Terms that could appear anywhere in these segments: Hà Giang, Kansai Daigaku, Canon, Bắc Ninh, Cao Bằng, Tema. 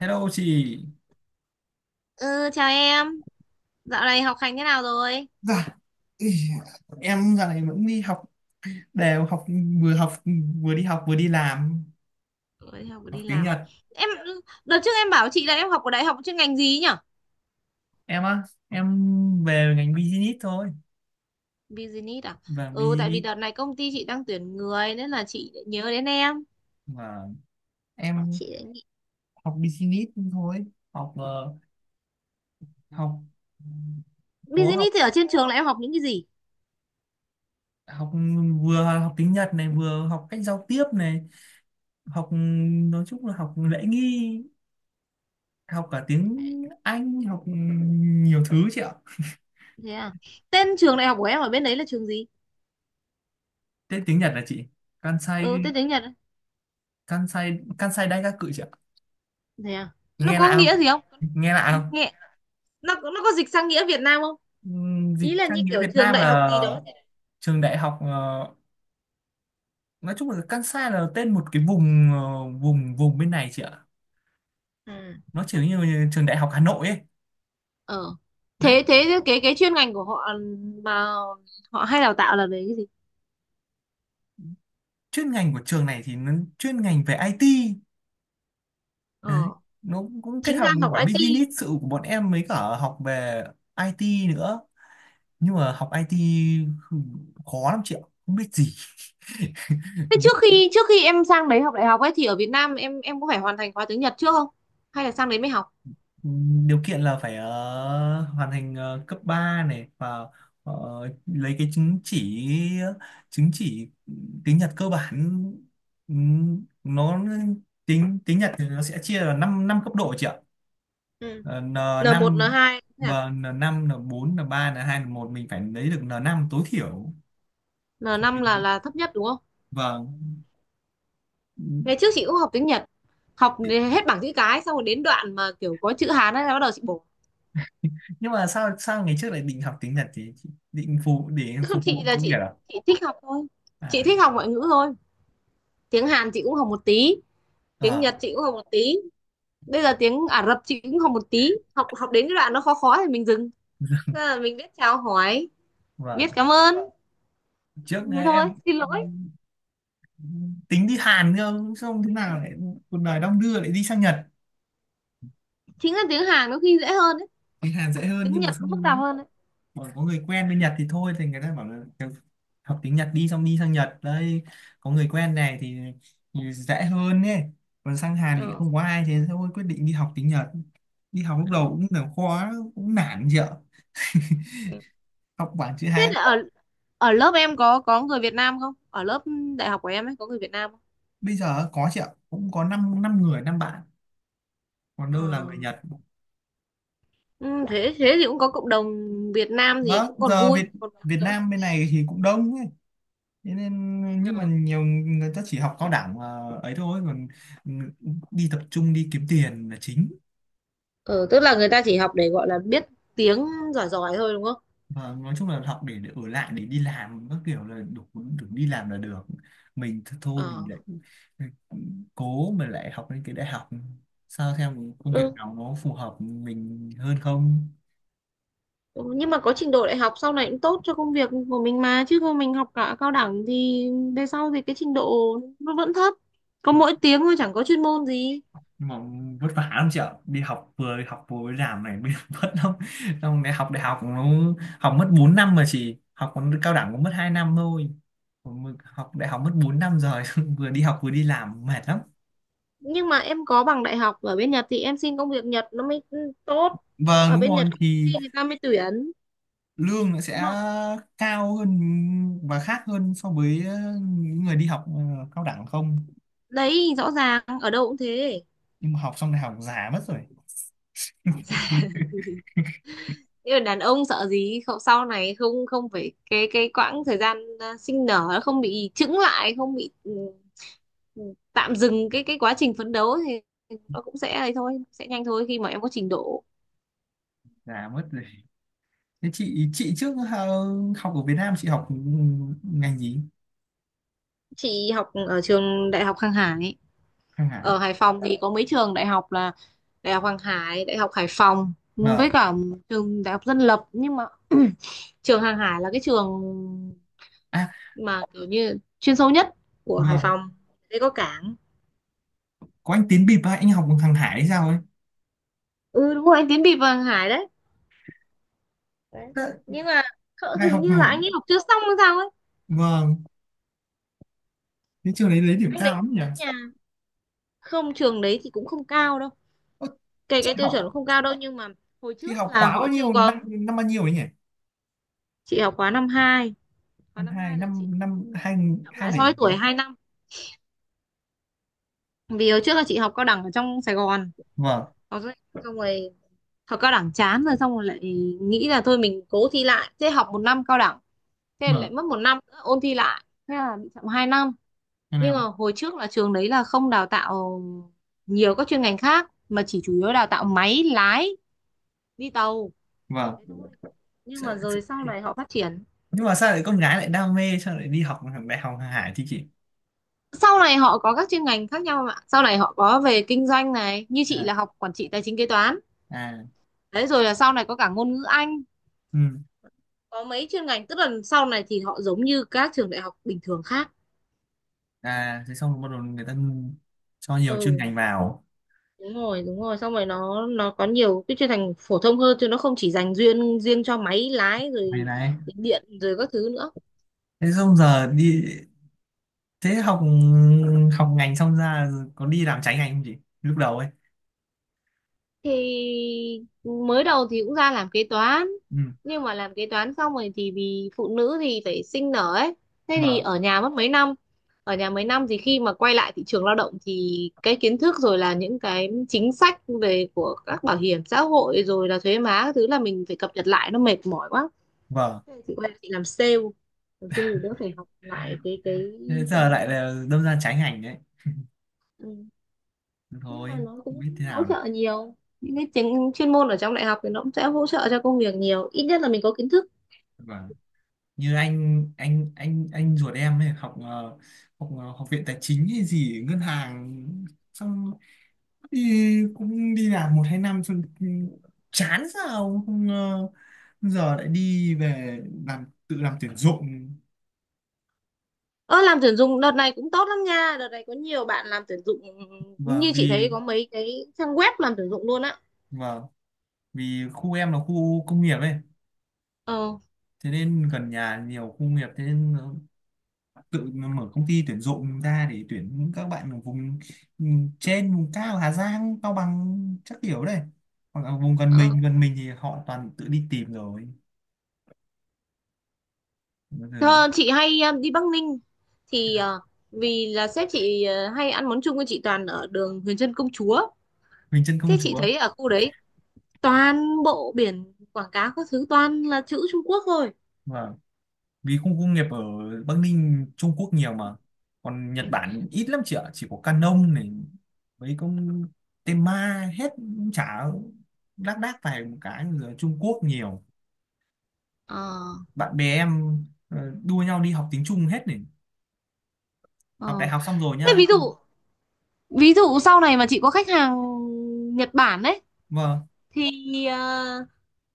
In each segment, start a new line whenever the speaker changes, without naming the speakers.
Hello chị.
Ừ, chào em. Dạo này học hành thế nào rồi?
Dạ, ý, em dạo này vẫn đi học, đều học, vừa học vừa đi học vừa đi làm,
Ôi, đi học
học
đi
tiếng
làm à?
Nhật.
Em đợt trước em bảo chị là em học ở đại học chuyên ngành gì ấy nhở?
Em á em về ngành business thôi.
Business à?
Và
Ừ, tại vì
business
đợt này công ty chị đang tuyển người nên là chị lại nhớ đến em.
và Em
Chị lại nghĩ
học business thôi. học ờ, học có
business
học
thì ở trên trường là em học những cái gì?
học vừa học tiếng Nhật này, vừa học cách giao tiếp này, học, nói chung là học lễ nghi, học cả tiếng Anh, học nhiều thứ chị ạ.
Thế à? Tên trường đại học của em ở bên đấy là trường gì?
Thế tiếng Nhật là chị, Kansai,
Ừ, tên tiếng Nhật á.
Kansai Daigaku chứ ạ?
Thế à? Nó
Nghe
có
lạ
nghĩa
không?
gì không?
nghe lạ không
Nghe nó có dịch sang nghĩa Việt Nam không?
Dịch
Ý là như
sang nghĩa
kiểu
Việt
trường
Nam
đại học
là
gì đó.
trường đại học, nói chung là Kansai là tên một cái vùng, vùng bên này chị ạ.
À.
Nó chỉ như, như trường đại học Hà Nội ấy,
ờ
đấy.
thế thế cái chuyên ngành của họ mà họ hay đào tạo là về cái gì?
Chuyên ngành của trường này thì nó chuyên ngành về IT, đấy.
ờ
Nó cũng kết
chính ra
hợp
học
cả
IT.
business sự của bọn em mới cả học về IT nữa, nhưng mà học IT khó lắm chị ạ, không biết gì.
thế trước khi trước khi em sang đấy học đại học ấy thì ở Việt Nam em có phải hoàn thành khóa tiếng Nhật trước không, hay là sang đấy mới học?
Điều kiện là phải, hoàn thành, cấp 3 này, và ờ, lấy cái chứng chỉ, chứng chỉ tiếng Nhật cơ bản. Nó tiếng tiếng Nhật thì nó sẽ chia là 5 năm năm cấp độ chị ạ.
Ừ.
Ờ, N
N1, n
năm,
hai thế à?
và n năm, n bốn, n ba, n hai, n một, mình phải lấy được n năm tối thiểu,
N5 là thấp nhất đúng không?
vâng.
Ngày trước chị cũng học tiếng Nhật, học đến hết bảng chữ cái xong rồi đến đoạn mà kiểu có chữ Hán ấy là bắt đầu chị bổ.
Nhưng mà sao sao ngày trước lại định học tiếng Nhật thì định phục, để
Chứ không,
phục
chị
vụ
là
công việc.
chị chị thích học thôi, chị
À,
thích học ngoại ngữ thôi. Tiếng Hàn chị cũng học một tí, tiếng
à,
Nhật chị cũng học một tí, bây giờ tiếng Ả Rập chị cũng học một tí. Học học đến cái đoạn nó khó khó thì mình dừng. Thế là mình biết chào hỏi, biết
vâng.
cảm ơn,
Trước
thế thôi,
em
xin lỗi.
tính đi Hàn cơ, xong thế nào lại cuộc đời đong đưa lại đi sang Nhật.
Chính là tiếng Hàn có khi dễ hơn ấy.
Đi Hàn dễ hơn
Tiếng
nhưng mà
Nhật nó phức tạp
xong
hơn đấy.
bảo có người quen bên Nhật thì thôi, thì người ta bảo là học tiếng Nhật đi, xong đi sang Nhật đây có người quen này thì dễ hơn ấy. Còn sang Hàn thì
Ờ,
không có ai, thế thôi quyết định đi học tiếng Nhật. Đi học lúc đầu
ờ.
cũng là khó, cũng nản chị ạ, học bảng chữ
Thế
Hán.
là ở ở lớp em có người Việt Nam không, ở lớp đại học của em ấy có người Việt Nam không?
Bây giờ có chị ạ, cũng có 5 năm năm người năm bạn, còn
Ờ,
đâu là người Nhật,
ừ, thế thế thì cũng có cộng đồng Việt Nam thì
vâng.
cũng còn
Giờ
vui,
Việt
còn vui
Việt
nữa.
Nam bên này thì cũng đông ấy. Thế nên nhưng mà
Ờ.
nhiều người ta chỉ học cao đẳng và ấy thôi, còn đi tập trung đi kiếm tiền là chính.
Ờ, tức là người ta chỉ học để gọi là biết tiếng, giỏi giỏi thôi đúng không?
Và nói chung là học để ở lại, để đi làm các kiểu là đủ, đủ đi làm là được. Thôi mình lại,
Ờ.
ừ, cố mà lại học lên cái đại học, sao xem công việc
Ừ,
nào nó phù hợp mình hơn không.
ừ, nhưng mà có trình độ đại học sau này cũng tốt cho công việc của mình mà, chứ không mình học cả cao đẳng thì về sau thì cái trình độ nó vẫn thấp, có mỗi tiếng thôi chẳng có chuyên môn gì.
Nhưng mà vất vả lắm chị ạ, đi học vừa mới làm này mới vất lắm. Xong đại học, nó học mất 4 năm, mà chị học còn cao đẳng cũng mất 2 năm thôi. Còn mình học đại học mất 4 năm rồi, vừa đi học vừa đi làm mệt lắm.
Nhưng mà em có bằng đại học ở bên Nhật thì em xin công việc Nhật nó mới tốt,
Vâng,
ở
đúng
bên
rồi
Nhật công ty
thì
người ta mới tuyển,
lương nó
đúng
sẽ
không?
cao hơn và khác hơn so với, những người đi học, cao đẳng không.
Đấy, rõ ràng ở đâu cũng thế.
Nhưng mà học xong đại học già mất rồi.
Nhưng là đàn ông sợ gì, không sau này không không phải cái quãng thời gian à, sinh nở nó không bị chững lại, không bị ừ, tạm dừng cái quá trình phấn đấu thì nó cũng sẽ ấy thôi, sẽ nhanh thôi khi mà em có trình độ.
Già mất rồi. Thế chị, trước, học ở Việt Nam chị học ngành gì?
Chị học ở trường đại học Hàng Hải.
Hàng Hải,
Ở Hải Phòng thì có mấy trường đại học là đại học Hàng Hải, đại học Hải Phòng, với
vâng.
cả trường đại học dân lập, nhưng mà trường Hàng Hải là cái trường
À,
mà kiểu như chuyên sâu nhất của Hải
vâng,
Phòng đấy, có cảng.
có anh Tín Bịp á, anh học bằng hàng Hải hay sao ấy.
Ừ, đúng rồi, anh Tiến bị Vàng Hải đấy. Đấy.
Thế-
Nhưng mà
đại
hình
học
như
hàng
là
Hải,
anh ấy học chưa xong hay sao ấy.
vâng. Thế trường đấy lấy điểm
Anh đấy
cao lắm nhỉ?
nhà... Không, trường đấy thì cũng không cao đâu,
Ơ,
cái
chị
cái tiêu chuẩn
học
cũng không cao đâu, nhưng mà hồi
chị
trước
học
là
khóa
họ
bao
chưa
nhiêu, năm
có.
năm bao nhiêu ấy nhỉ?
Chị học khóa 52, khóa
Năm
năm
hai,
2 là chị
năm năm hai,
chậm
hai
lại
lẻ,
so với tuổi 2 năm, vì hồi trước là chị học cao đẳng ở trong Sài Gòn.
vâng.
Có rồi- Xong rồi học cao đẳng chán rồi, xong rồi lại nghĩ là thôi mình cố thi lại, thế học một năm cao đẳng, thế lại
Vâng,
mất một năm nữa ôn thi lại, thế là bị chậm 2 năm.
hai
Nhưng mà
năm,
hồi trước là trường đấy là không đào tạo nhiều các chuyên ngành khác mà chỉ chủ yếu đào tạo máy lái đi tàu
vâng.
thế thôi. Nhưng mà
Sợ- sợ-
rồi sau này họ phát triển,
nhưng mà sao lại con gái lại đam mê, sao lại đi học đại học hàng Hải thì chị?
sau này họ có các chuyên ngành khác nhau em ạ, sau này họ có về kinh doanh này, như chị
À,
là học quản trị tài chính kế toán
à,
đấy, rồi là sau này có cả ngôn ngữ Anh,
ừ,
có mấy chuyên ngành, tức là sau này thì họ giống như các trường đại học bình thường khác.
à. Thế xong rồi bắt đầu người ta cho nhiều chuyên
Ừ,
ngành vào.
đúng rồi đúng rồi, xong rồi nó có nhiều cái chuyên ngành phổ thông hơn, chứ nó không chỉ dành riêng riêng cho máy lái
Này
rồi,
này,
điện rồi các thứ nữa.
thế xong giờ đi, thế học, học ngành xong ra có đi làm trái ngành không chị, lúc đầu ấy?
Thì mới đầu thì cũng ra làm kế toán,
Ừ,
nhưng mà làm kế toán xong rồi thì vì phụ nữ thì phải sinh nở ấy, thế thì
vâng,
ở nhà mất mấy năm. Ở nhà mấy năm thì khi mà quay lại thị trường lao động thì cái kiến thức rồi là những cái chính sách về của các bảo hiểm xã hội rồi là thuế má các thứ là mình phải cập nhật lại, nó mệt mỏi quá.
vâng,
Thế chị quay chị làm sale, làm sale thì đỡ phải học lại cái
thế
ừ,
giờ lại là đâm ra trái ngành đấy.
ừ. Nhưng mà
Thôi
nó
không
cũng
biết thế
hỗ
nào được,
trợ nhiều, những cái chính chuyên môn ở trong đại học thì nó cũng sẽ hỗ trợ cho công việc nhiều, ít nhất là mình có kiến thức.
vâng. Như anh ruột em ấy học, học, học viện tài chính hay gì ngân hàng, xong đi cũng đi làm 1 2 năm, xong chán sao không, giờ lại đi về làm, tự làm tuyển dụng.
Ơ, làm tuyển dụng đợt này cũng tốt lắm nha, đợt này có nhiều bạn làm tuyển dụng,
Vâng
như chị thấy
vì,
có mấy cái trang web làm tuyển dụng luôn á.
vâng vì khu em là khu công nghiệp ấy,
Ờ.
thế nên gần nhà nhiều khu nghiệp, thế nên nó tự nó mở công ty tuyển dụng ra để tuyển những các bạn ở vùng, ừ, trên vùng cao Hà Giang, Cao Bằng chắc kiểu đây, hoặc là vùng
Ờ.
gần mình thì họ toàn tự đi tìm rồi. Bây giờ
Thơ, chị hay đi Bắc Ninh thì vì là sếp chị hay ăn món chung với chị toàn ở đường Huyền Trân Công Chúa.
Bình Chân Công
Thế chị
Chúa,
thấy ở khu đấy toàn bộ biển quảng cáo các thứ toàn là chữ Trung Quốc thôi.
vâng, vì khu công nghiệp ở Bắc Ninh Trung Quốc nhiều mà, còn Nhật
Ừ.
Bản ít lắm chị ạ, chỉ có Canon này, mấy con Tema hết, chả lác đác vài một cái, rồi Trung Quốc nhiều.
Ờ,
Bạn bè em, ờ, đua nhau đi học tiếng Trung hết này, học đại
ờ.
học xong rồi
Thế
nha.
ví dụ, sau này mà chị có khách hàng Nhật Bản đấy
Vâng
thì ờ,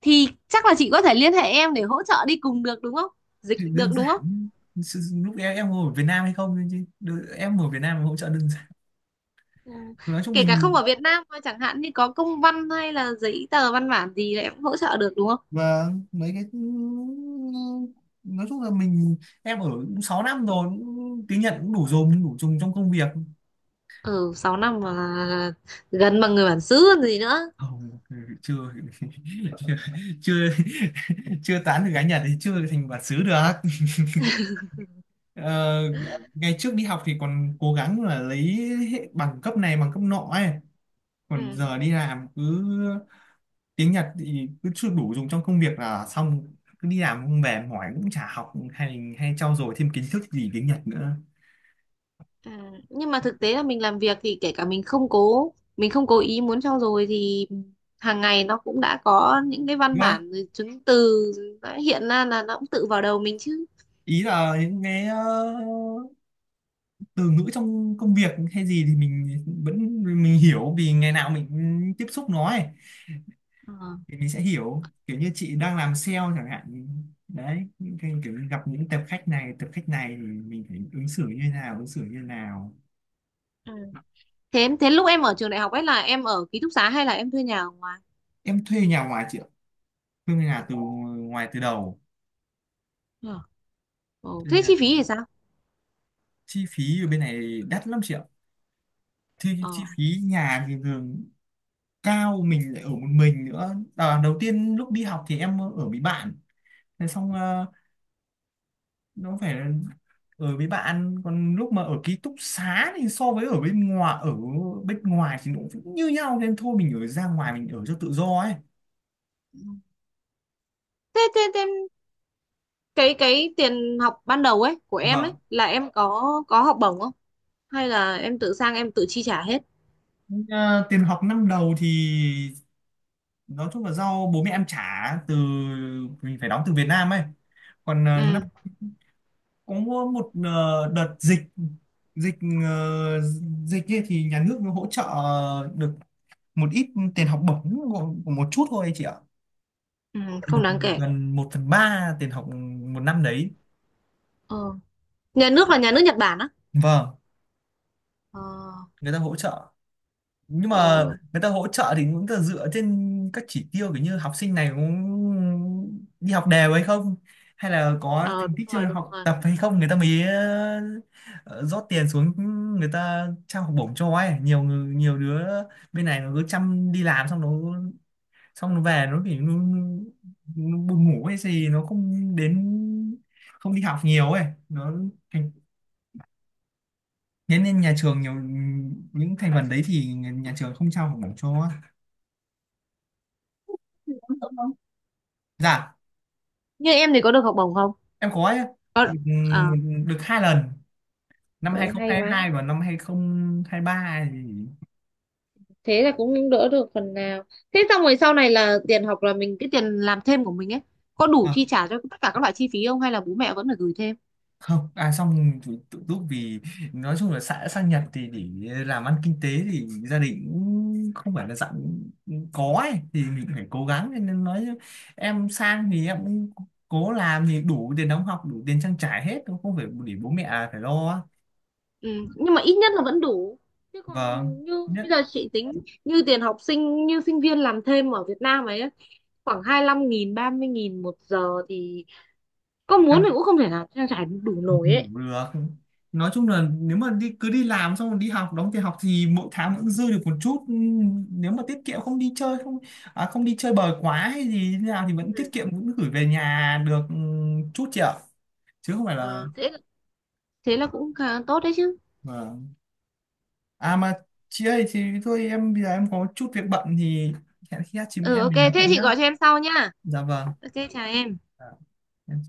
thì chắc là chị có thể liên hệ em để hỗ trợ đi cùng được đúng không? Dịch
thì đơn
được đúng không?
giản, lúc em ngồi ở Việt Nam hay không chứ em ở Việt Nam hỗ trợ đơn giản.
Ừ.
Nói chung
Kể cả không
mình,
ở Việt Nam mà chẳng hạn như có công văn hay là giấy tờ văn bản gì là em cũng hỗ trợ được đúng không?
và mấy cái, nói chung là mình em ở cũng 6 năm rồi, cũng tiếng Nhật cũng đủ dùng, đủ dùng trong công việc.
Ừ, 6 năm mà gần bằng người bản xứ còn gì nữa.
Không, chưa, chưa, chưa, chưa tán được gái Nhật thì chưa thành bản xứ được. Ờ, ngày trước đi học thì còn cố gắng là lấy bằng cấp này bằng cấp nọ ấy,
Ừ.
còn giờ đi làm cứ tiếng Nhật thì cứ chưa đủ dùng trong công việc là xong, cứ đi làm không về mỏi cũng chả học hay, hay trau dồi thêm kiến thức gì tiếng Nhật nữa.
À, nhưng mà thực tế là mình làm việc thì kể cả mình không cố, mình không cố ý muốn trau dồi thì hàng ngày nó cũng đã có những cái văn
Đúng,
bản rồi chứng từ đã hiện ra là nó cũng tự vào đầu mình chứ.
ý là những cái, từ ngữ trong công việc hay gì thì mình vẫn mình hiểu, vì ngày nào mình tiếp xúc nó ấy,
Ờ.
thì mình sẽ hiểu, kiểu như chị đang làm sale chẳng hạn thì, đấy những cái kiểu như gặp những tập khách này thì mình phải ứng xử như thế nào.
Ừ. Thế thế lúc em ở trường đại học ấy là em ở ký túc xá hay là em thuê nhà ở ngoài?
Em thuê nhà ngoài chị ạ, thuê nhà từ ngoài từ đầu.
Ờ. Ờ,
Thuê
thế
nhà
chi
từ...
phí thì sao?
chi phí ở bên này đắt lắm chị ạ, thì chi
Ờ.
phí nhà thì thường cao, mình lại ở một mình nữa. À, đầu tiên lúc đi học thì em ở với bạn, thế xong nó phải ở với bạn, còn lúc mà ở ký túc xá thì so với ở bên ngoài, ở bên ngoài thì nó cũng như nhau nên thôi mình ở ra ngoài mình ở cho tự do ấy.
Ừ. thế thế, thế cái tiền học ban đầu ấy của em ấy
Vâng.
là em có học bổng không, hay là em tự sang em tự chi trả hết?
À, tiền học năm đầu thì nói chung là do bố mẹ em trả, từ mình phải đóng từ Việt Nam ấy. Còn à, năm
Ừ.
có một, đợt dịch, dịch ờ, dịch kia thì nhà nước nó hỗ trợ được một ít tiền học bổng, của một chút thôi chị ạ.
Ừ,
Một,
không đáng kể.
gần 1/3 tiền học một năm đấy.
Ờ. Nhà nước là nhà nước Nhật Bản.
Vâng,
ờ
người ta hỗ trợ, nhưng
ờ
mà người ta hỗ trợ thì cũng là dựa trên các chỉ tiêu, kiểu như học sinh này cũng đi học đều hay không, hay là có
ờ,
thành
Đúng
tích
rồi,
trong
đúng
học
rồi.
tập hay không, người ta mới, ờ, rót tiền xuống, người ta trao học bổng cho ấy. Nhiều người- nhiều đứa bên này nó cứ chăm đi làm, xong nó, xong nó về nó kiểu nó buồn ngủ hay gì nó không đến, không đi học nhiều ấy, nó thành, thế nên nhà trường nhiều những thành phần đấy thì nhà nhà trường không trao học bổng cho, dạ.
Như em thì có được học bổng không?
Em có ấy,
Có
được,
à?
được hai lần, năm hai
Ôi
không
hay
hai
quá.
hai và năm 2023 thì.
Thế là cũng đỡ được phần nào. Thế xong rồi sau này là tiền học là mình, cái tiền làm thêm của mình ấy có đủ
À,
chi trả cho tất cả các loại chi phí không, hay là bố mẹ vẫn phải gửi thêm?
không, à xong tự, tự túc vì nói chung là xã sang Nhật thì để làm ăn kinh tế thì gia đình cũng không phải là dạng có ấy, thì mình phải cố gắng. Thế nên nói em sang thì em cũng cố làm thì đủ tiền đóng học, đủ tiền trang trải hết, không phải để bố mẹ phải lo.
Ừ. Nhưng mà ít nhất là vẫn đủ, chứ còn
Vâng
như
nhất.
bây giờ chị tính, như tiền học sinh, như sinh viên làm thêm ở Việt Nam ấy khoảng 25.000, 30.000 một giờ thì có muốn thì
Vâng.
cũng không thể nào trang trải đủ
Không
nổi ấy.
đủ được, nói chung là nếu mà đi cứ đi làm xong rồi đi học đóng tiền học thì mỗi tháng vẫn dư được một chút. Nếu mà tiết kiệm không đi chơi không, à, không đi chơi bời quá hay gì thế nào thì vẫn tiết
Ừ.
kiệm vẫn gửi về nhà được, chút chị ạ, chứ không phải là.
Ờ, thế thế là cũng khá tốt đấy chứ.
Vâng. À mà chị ơi thì thôi em bây giờ em có chút việc bận thì hẹn khi khác chị
Ừ,
em
ok
mình nói
thế
chuyện
chị
nhá.
gọi cho em sau nhá.
Dạ vâng.
Ok, chào em.
Dạ, em.